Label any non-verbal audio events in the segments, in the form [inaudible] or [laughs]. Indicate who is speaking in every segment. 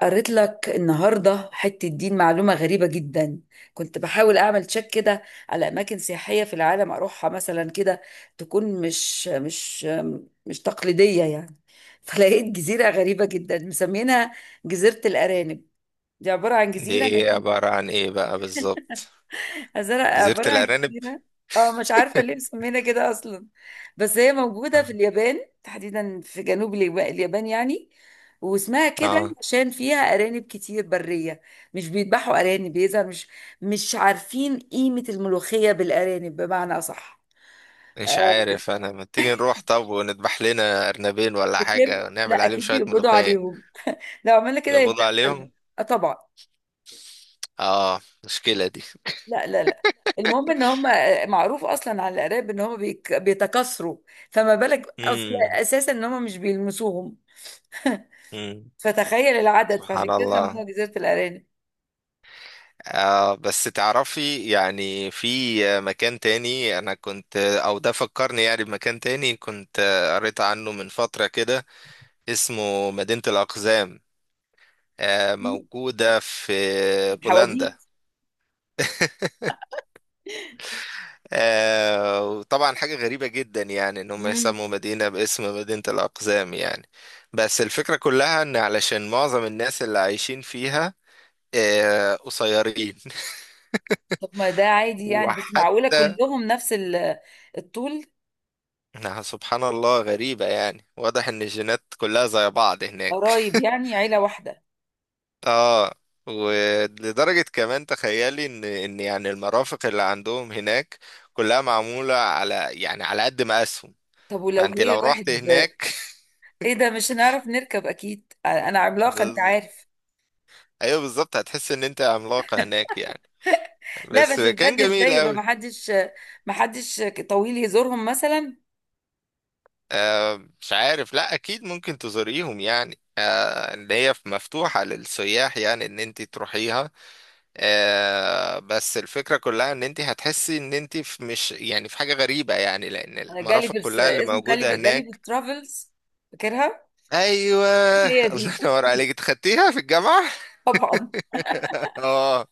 Speaker 1: قريت لك النهارده حته دين معلومه غريبه جدا. كنت بحاول اعمل تشيك كده على اماكن سياحيه في العالم اروحها مثلا كده تكون مش تقليديه يعني. فلقيت جزيره غريبه جدا مسمينها جزيره الارانب. دي عباره عن
Speaker 2: دي
Speaker 1: جزيره
Speaker 2: ايه؟ عبارة عن ايه بقى بالظبط؟
Speaker 1: الزرق
Speaker 2: جزيرة
Speaker 1: عبارة عن
Speaker 2: الأرانب.
Speaker 1: جزيرة. اه، مش عارفة ليه مسمينها كده أصلا. بس هي موجودة في اليابان، تحديدا في جنوب اليابان يعني. واسمها كده
Speaker 2: اه،
Speaker 1: عشان فيها أرانب كتير برية. مش بيذبحوا أرانب، بيظهر مش عارفين قيمة الملوخية بالأرانب بمعنى أصح.
Speaker 2: مش
Speaker 1: آه،
Speaker 2: عارف. انا ما تيجي نروح طب ونذبح لنا أرنبين ولا
Speaker 1: بكر
Speaker 2: حاجة
Speaker 1: لا
Speaker 2: ونعمل عليهم
Speaker 1: أكيد
Speaker 2: شوية
Speaker 1: بيقبضوا
Speaker 2: ملوخية؟
Speaker 1: عليهم لو عملنا كده يبقى.
Speaker 2: بيقبضوا عليهم؟
Speaker 1: آه طبعا.
Speaker 2: اه، مشكلة دي.
Speaker 1: لا، لا، لا. المهم ان هم معروف اصلا على العراب ان هم بيتكاثروا. فما بالك اصلا
Speaker 2: امم،
Speaker 1: اساسا ان هم مش بيلمسوهم.
Speaker 2: امم.
Speaker 1: فتخيل العدد،
Speaker 2: سبحان
Speaker 1: فعشان كده سموها
Speaker 2: الله.
Speaker 1: جزيره الارانب.
Speaker 2: آه، بس تعرفي يعني في مكان تاني انا كنت او ده فكرني يعني بمكان تاني، كنت قريت عنه من فترة كده، اسمه مدينة الأقزام. آه،
Speaker 1: مم.
Speaker 2: موجودة في
Speaker 1: حواديت.
Speaker 2: بولندا. [laughs] آه، وطبعا حاجة غريبة جدا يعني ان هم
Speaker 1: مم.
Speaker 2: يسموا مدينة باسم مدينة الأقزام يعني. بس الفكرة كلها ان علشان معظم الناس اللي عايشين فيها آه قصيرين.
Speaker 1: طب ما ده
Speaker 2: [laughs]
Speaker 1: عادي يعني، بس معقوله
Speaker 2: وحتى
Speaker 1: كلهم نفس الطول؟
Speaker 2: إنها سبحان الله غريبة، يعني واضح ان الجينات كلها زي بعض هناك.
Speaker 1: قرايب
Speaker 2: [laughs]
Speaker 1: يعني، عيله واحده.
Speaker 2: اه، ولدرجة كمان تخيلي ان يعني المرافق اللي عندهم هناك كلها معمولة على، يعني على قد ما اسهم.
Speaker 1: طب ولو
Speaker 2: فانت
Speaker 1: جه
Speaker 2: لو رحت
Speaker 1: واحد،
Speaker 2: هناك
Speaker 1: ايه ده، مش هنعرف نركب اكيد، انا عملاقه انت
Speaker 2: [laughs]
Speaker 1: عارف.
Speaker 2: ايوه، بالظبط هتحس ان انت عملاقة هناك يعني.
Speaker 1: لا
Speaker 2: بس
Speaker 1: بس
Speaker 2: كان
Speaker 1: بجد،
Speaker 2: جميل
Speaker 1: ازاي يبقى
Speaker 2: قوي.
Speaker 1: محدش طويل يزورهم مثلا؟
Speaker 2: آه، مش عارف، لا اكيد ممكن تزوريهم يعني، آه ان هي مفتوحة للسياح يعني ان انت تروحيها. آه، بس الفكرة كلها ان انت هتحسي ان انت في مش يعني في حاجة غريبة يعني، لان
Speaker 1: انا جالي
Speaker 2: المرافق
Speaker 1: في
Speaker 2: كلها اللي
Speaker 1: اسمه
Speaker 2: موجودة
Speaker 1: جالي في
Speaker 2: هناك.
Speaker 1: الترافلز، فاكرها.
Speaker 2: ايوه.
Speaker 1: هي
Speaker 2: [laughs] الله
Speaker 1: دي
Speaker 2: ينور
Speaker 1: [laughs]
Speaker 2: عليك، اتخدتيها في الجامعة.
Speaker 1: طبعا.
Speaker 2: [laughs] اه.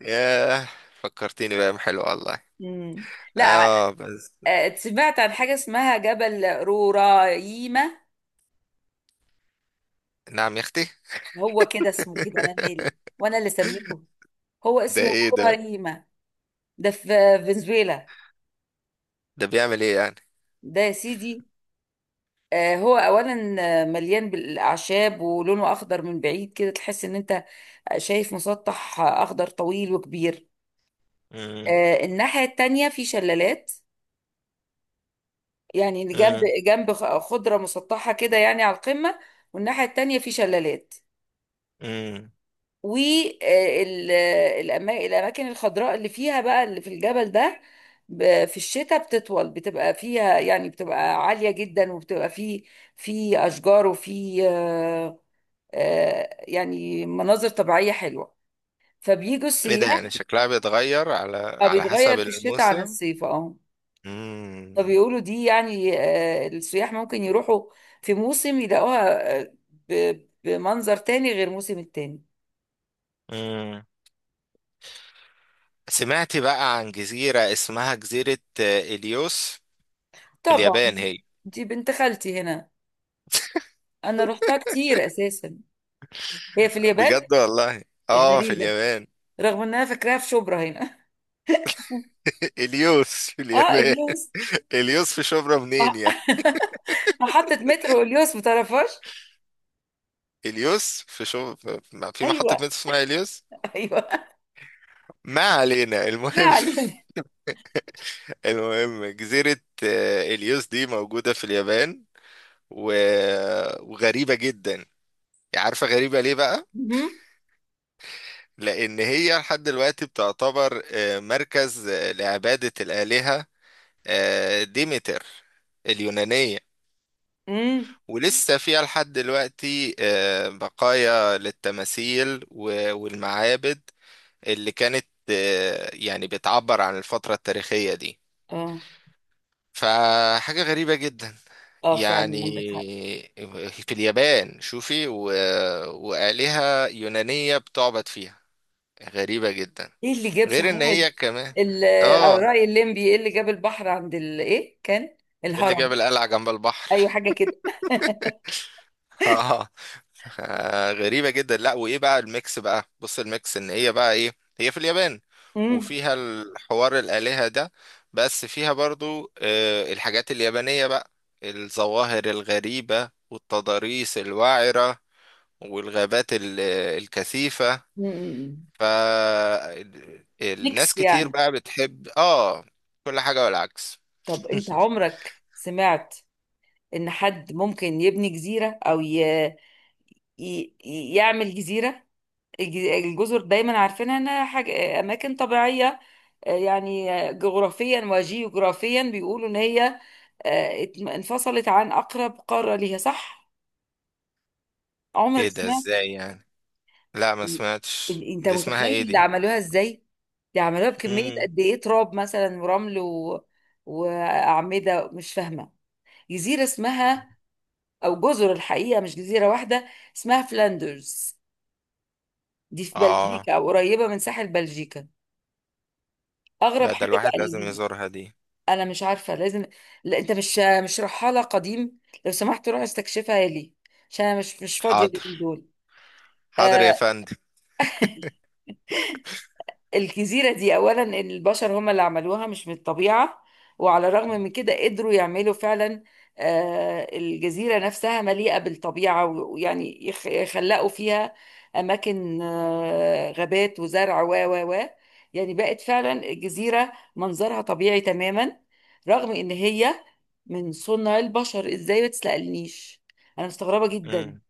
Speaker 2: ياه. فكرتيني بأيام حلوة والله.
Speaker 1: مم. لا.
Speaker 2: اه، بس.
Speaker 1: سمعت عن حاجه اسمها جبل رورايما.
Speaker 2: نعم يا اختي.
Speaker 1: هو كده اسمه كده، انا مالي، وانا اللي سميته، هو
Speaker 2: ده
Speaker 1: اسمه
Speaker 2: ايه ده؟
Speaker 1: رورايما. ده في فنزويلا.
Speaker 2: ده بيعمل ايه يعني؟
Speaker 1: ده يا سيدي، هو اولا مليان بالاعشاب ولونه اخضر، من بعيد كده تحس ان انت شايف مسطح اخضر طويل وكبير.
Speaker 2: مم.
Speaker 1: الناحيه التانيه في شلالات، يعني جنب
Speaker 2: مم.
Speaker 1: جنب خضرة مسطحة كده يعني على القمة، والناحية التانية في شلالات.
Speaker 2: مم.
Speaker 1: والأماكن الخضراء اللي فيها بقى، اللي في الجبل ده، في الشتاء بتطول، بتبقى فيها يعني بتبقى عالية جدا، وبتبقى في أشجار، وفي يعني مناظر طبيعية حلوة، فبيجوا
Speaker 2: ايه ده
Speaker 1: السياح.
Speaker 2: يعني؟ [laughs] شكلها بيتغير على، على
Speaker 1: بيتغير
Speaker 2: حسب
Speaker 1: في الشتاء عن
Speaker 2: الموسم.
Speaker 1: الصيف، اه.
Speaker 2: مم.
Speaker 1: فبيقولوا دي يعني السياح ممكن يروحوا في موسم يلاقوها بمنظر تاني غير موسم التاني.
Speaker 2: مم. سمعت بقى عن جزيرة اسمها جزيرة إليوس في
Speaker 1: طبعا،
Speaker 2: اليابان هي.
Speaker 1: دي بنت خالتي هنا، انا رحتها كتير اساسا، هي في اليابان.
Speaker 2: بجد والله. اه، في
Speaker 1: غريبة،
Speaker 2: اليابان.
Speaker 1: رغم ان انا فاكراها في شبرا هنا.
Speaker 2: [laughs] إليوس في
Speaker 1: [laughs] اه
Speaker 2: اليابان.
Speaker 1: اليوس.
Speaker 2: [laughs] إليوس في شبرا منين
Speaker 1: مح-
Speaker 2: يعني؟
Speaker 1: [laughs] محطة مترو اليوس، متعرفهاش؟
Speaker 2: إليوس في شبرا؟ في محطة
Speaker 1: ايوه،
Speaker 2: مترو اسمها إليوس؟
Speaker 1: ايوه [laughs]
Speaker 2: ما علينا
Speaker 1: ما
Speaker 2: المهم.
Speaker 1: علينا.
Speaker 2: [laughs] المهم، جزيرة إليوس دي موجودة في اليابان. و... وغريبة جدا. عارفة غريبة ليه بقى؟
Speaker 1: مهم.
Speaker 2: لأن هي لحد دلوقتي بتعتبر مركز لعبادة الآلهة ديمتر اليونانية.
Speaker 1: مم.
Speaker 2: ولسه فيها لحد دلوقتي آه، بقايا للتماثيل والمعابد اللي كانت يعني بتعبر عن الفترة التاريخية دي.
Speaker 1: اه.
Speaker 2: فحاجة غريبة جدا
Speaker 1: اه
Speaker 2: يعني.
Speaker 1: فعلا عندك حق.
Speaker 2: في اليابان شوفي وآلهة يونانية بتعبد فيها. غريبة جدا.
Speaker 1: ايه اللي جاب
Speaker 2: غير ان
Speaker 1: صحيح
Speaker 2: هي كمان
Speaker 1: ال- على
Speaker 2: اه.
Speaker 1: رأي الليمبي، ايه اللي جاب البحر عند ال ايه كان
Speaker 2: إيه اللي
Speaker 1: الهرم.
Speaker 2: جاب القلعة جنب البحر؟
Speaker 1: ايوه حاجة كده.
Speaker 2: [laughs] اه. غريبة جدا. لا، وايه بقى الميكس؟ بقى بص الميكس ان هي بقى ايه. هي في اليابان
Speaker 1: امم.
Speaker 2: وفيها الحوار الآلهة ده. بس فيها برضو الحاجات اليابانية بقى، الظواهر الغريبة والتضاريس الوعرة والغابات الكثيفة.
Speaker 1: أمم.
Speaker 2: فالناس
Speaker 1: ميكس
Speaker 2: كتير
Speaker 1: يعني.
Speaker 2: بقى بتحب اه كل حاجة والعكس.
Speaker 1: طب انت عمرك سمعت ان حد ممكن يبني جزيرة او يعمل جزيرة؟ الج- الجزر دايما عارفينها انها حاجة اماكن طبيعية، يعني جغرافيا وجيوغرافيا بيقولوا ان هي انفصلت عن اقرب قارة ليها، صح؟
Speaker 2: ايه
Speaker 1: عمرك
Speaker 2: ده
Speaker 1: سمعت؟
Speaker 2: ازاي يعني؟ لا ما
Speaker 1: إن-
Speaker 2: سمعتش
Speaker 1: انت
Speaker 2: دي. اسمها ايه
Speaker 1: متخيل اللي
Speaker 2: دي؟
Speaker 1: عملوها ازاي؟ دي عملوها بكمية
Speaker 2: مم.
Speaker 1: قد ايه، تراب مثلا ورمل و... وأعمدة، مش فاهمة. جزيرة اسمها، او جزر الحقيقة، مش جزيرة واحدة، اسمها فلاندرز. دي في
Speaker 2: اه،
Speaker 1: بلجيكا او قريبة من ساحل بلجيكا. اغرب
Speaker 2: لا، ده
Speaker 1: حاجة
Speaker 2: الواحد
Speaker 1: بقى
Speaker 2: لازم
Speaker 1: اللي...
Speaker 2: يزورها دي.
Speaker 1: انا مش عارفة، لازم. لا، انت مش رحالة قديم، لو سمحت روح استكشفها لي، عشان انا مش فاضية اليومين
Speaker 2: حاضر،
Speaker 1: دول.
Speaker 2: حاضر يا
Speaker 1: آه
Speaker 2: فندم.
Speaker 1: [laughs] الجزيرة دي أولا، إن البشر هم اللي عملوها، مش من الطبيعة. وعلى الرغم من كده قدروا يعملوا فعلا الجزيرة نفسها مليئة بالطبيعة، ويعني يخلقوا فيها أماكن غابات وزرع و يعني بقت فعلا الجزيرة منظرها طبيعي تماما، رغم إن هي من صنع البشر. إزاي؟ ما تسألنيش، أنا مستغربة جدا.
Speaker 2: مم.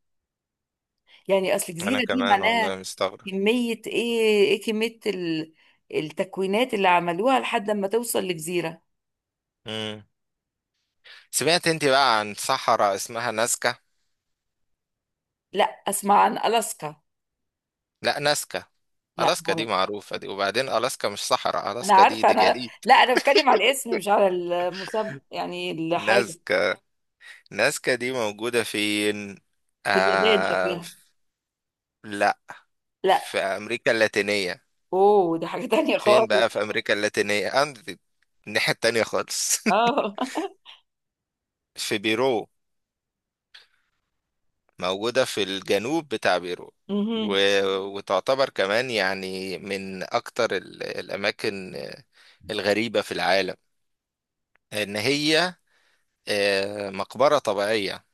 Speaker 1: يعني أصل
Speaker 2: انا
Speaker 1: الجزيرة دي
Speaker 2: كمان والله
Speaker 1: معناها،
Speaker 2: مستغرب.
Speaker 1: كمية ايه، ايه كمية التكوينات اللي عملوها لحد ما توصل لجزيرة.
Speaker 2: مم. سمعت انت بقى عن صحراء اسمها نازكا؟
Speaker 1: لا، اسمع عن ألاسكا.
Speaker 2: لا، نازكا.
Speaker 1: لا
Speaker 2: ألاسكا دي
Speaker 1: مرة.
Speaker 2: معروفة دي، وبعدين ألاسكا مش صحراء،
Speaker 1: انا
Speaker 2: ألاسكا دي
Speaker 1: عارفة
Speaker 2: دي
Speaker 1: انا،
Speaker 2: جليد.
Speaker 1: لا انا بتكلم على الاسم مش على المسمى، يعني الحاجة.
Speaker 2: نازكا. نازكا دي موجودة فين؟
Speaker 1: في اليابان
Speaker 2: آه.
Speaker 1: شكلها.
Speaker 2: لا.
Speaker 1: لا.
Speaker 2: في أمريكا اللاتينية.
Speaker 1: اوه دي حاجة تانية
Speaker 2: فين
Speaker 1: خالص.
Speaker 2: بقى في أمريكا اللاتينية؟ عند الناحية التانية خالص.
Speaker 1: اه [laughs]
Speaker 2: [laughs] في بيرو. موجودة في الجنوب بتاع بيرو. و...
Speaker 1: مهم.
Speaker 2: وتعتبر كمان يعني من أكتر الأماكن الغريبة في العالم. إن هي مقبرة طبيعية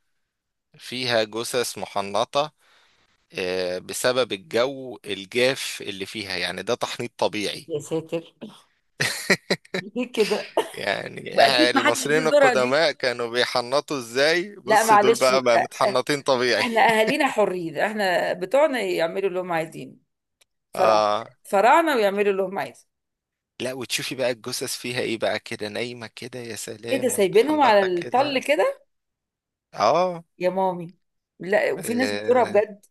Speaker 2: فيها جثث محنطة، بسبب الجو الجاف اللي فيها، يعني ده تحنيط طبيعي.
Speaker 1: يا ساتر.
Speaker 2: [laughs]
Speaker 1: ليه كده.
Speaker 2: يعني
Speaker 1: واكيد ما حدش
Speaker 2: المصريين
Speaker 1: بيزورها دي.
Speaker 2: القدماء كانوا بيحنطوا ازاي؟
Speaker 1: لا
Speaker 2: بص دول
Speaker 1: معلش،
Speaker 2: بقى، بقى متحنطين طبيعي.
Speaker 1: احنا اهالينا حرين، احنا بتوعنا يعملوا اللي هم عايزين.
Speaker 2: [laughs]
Speaker 1: فرعنا،
Speaker 2: اه.
Speaker 1: فرعنا ويعملوا اللي هم عايزين.
Speaker 2: لا وتشوفي بقى الجثث فيها ايه بقى، كده نايمة كده يا
Speaker 1: ايه ده،
Speaker 2: سلام
Speaker 1: سايبينهم على
Speaker 2: ومتحنطة
Speaker 1: الطل
Speaker 2: كده.
Speaker 1: كده؟
Speaker 2: اه.
Speaker 1: يا مامي. لا، وفي ناس بتقولها
Speaker 2: اه.
Speaker 1: بجد.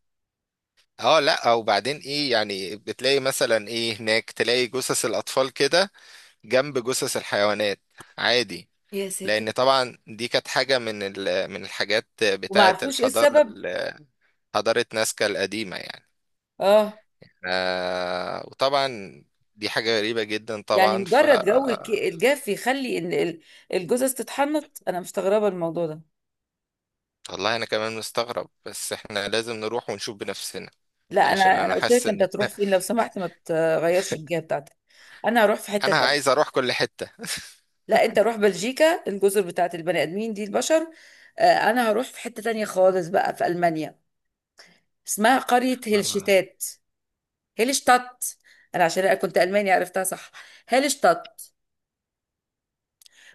Speaker 2: لا وبعدين ايه يعني، بتلاقي مثلا ايه هناك، تلاقي جثث الاطفال كده جنب جثث الحيوانات عادي.
Speaker 1: يا ساتر.
Speaker 2: لان طبعا دي كانت حاجة من من الحاجات
Speaker 1: وما
Speaker 2: بتاعة
Speaker 1: عرفوش ايه
Speaker 2: الحضارة
Speaker 1: السبب.
Speaker 2: حضارة نازكا القديمة يعني.
Speaker 1: اه.
Speaker 2: آه، وطبعا دي حاجة غريبة جدا
Speaker 1: يعني
Speaker 2: طبعا، ف.
Speaker 1: مجرد جو الجاف يخلي ان الجثث تتحنط؟ انا مستغربه الموضوع ده.
Speaker 2: والله أنا كمان مستغرب، بس إحنا لازم نروح ونشوف بنفسنا.
Speaker 1: لا،
Speaker 2: عشان
Speaker 1: انا
Speaker 2: أنا
Speaker 1: قلت
Speaker 2: حاسس
Speaker 1: لك، انت
Speaker 2: إن
Speaker 1: تروح
Speaker 2: [laughs]
Speaker 1: فين، لو سمحت ما تغيرش الجهه بتاعتك. انا هروح في حته
Speaker 2: أنا
Speaker 1: تانية.
Speaker 2: عايز أروح كل حتة.
Speaker 1: لا، انت روح بلجيكا، الجزر بتاعت البني ادمين دي، البشر، آه، انا هروح في حته تانية خالص بقى في المانيا، اسمها قريه
Speaker 2: [laughs] آه.
Speaker 1: هلشتات. هيلشتات، انا عشان أنا كنت الماني عرفتها صح، هيلشتات،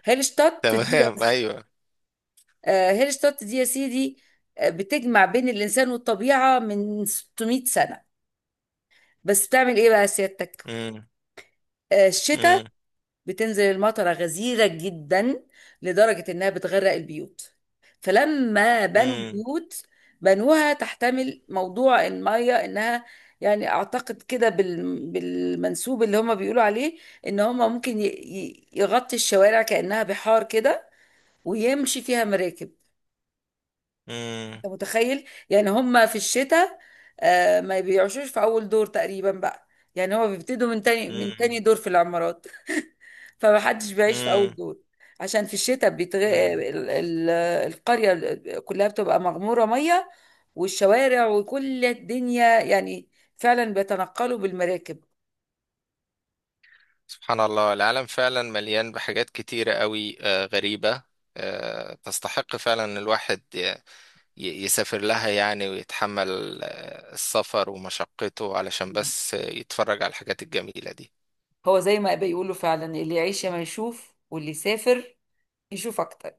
Speaker 1: هيلشتات دي،
Speaker 2: تمام، أيوه.
Speaker 1: هيلشتات دي يا سيدي، بتجمع بين الانسان والطبيعه من 600 سنه. بس بتعمل ايه بقى سيادتك؟
Speaker 2: مم.
Speaker 1: الشتاء
Speaker 2: مم.
Speaker 1: بتنزل المطرة غزيرة جدا، لدرجة إنها بتغرق البيوت، فلما بنوا
Speaker 2: مم.
Speaker 1: البيوت بنوها تحتمل موضوع المية، إنها يعني أعتقد كده بالمنسوب اللي هم بيقولوا عليه، إن هم ممكن يغطي الشوارع كأنها بحار كده، ويمشي فيها مراكب.
Speaker 2: مم.
Speaker 1: أنت متخيل؟ يعني هم في الشتاء ما بيعيشوش في أول دور تقريبا بقى، يعني هم بيبتدوا من تاني
Speaker 2: مم.
Speaker 1: دور في العمارات. فمحدش بيعيش في أول
Speaker 2: مم.
Speaker 1: دور، عشان في الشتاء
Speaker 2: مم.
Speaker 1: القرية كلها بتبقى مغمورة مية، والشوارع وكل الدنيا يعني فعلا بيتنقلوا بالمراكب.
Speaker 2: سبحان الله، العالم فعلا مليان بحاجات كتيرة قوي آه غريبة. آه، تستحق فعلا الواحد يسافر لها يعني، ويتحمل السفر ومشقته، علشان
Speaker 1: مم.
Speaker 2: بس يتفرج على الحاجات الجميلة دي.
Speaker 1: هو زي ما بيقولوا فعلا، اللي يعيش يا ما يشوف، واللي يسافر يشوف أكتر.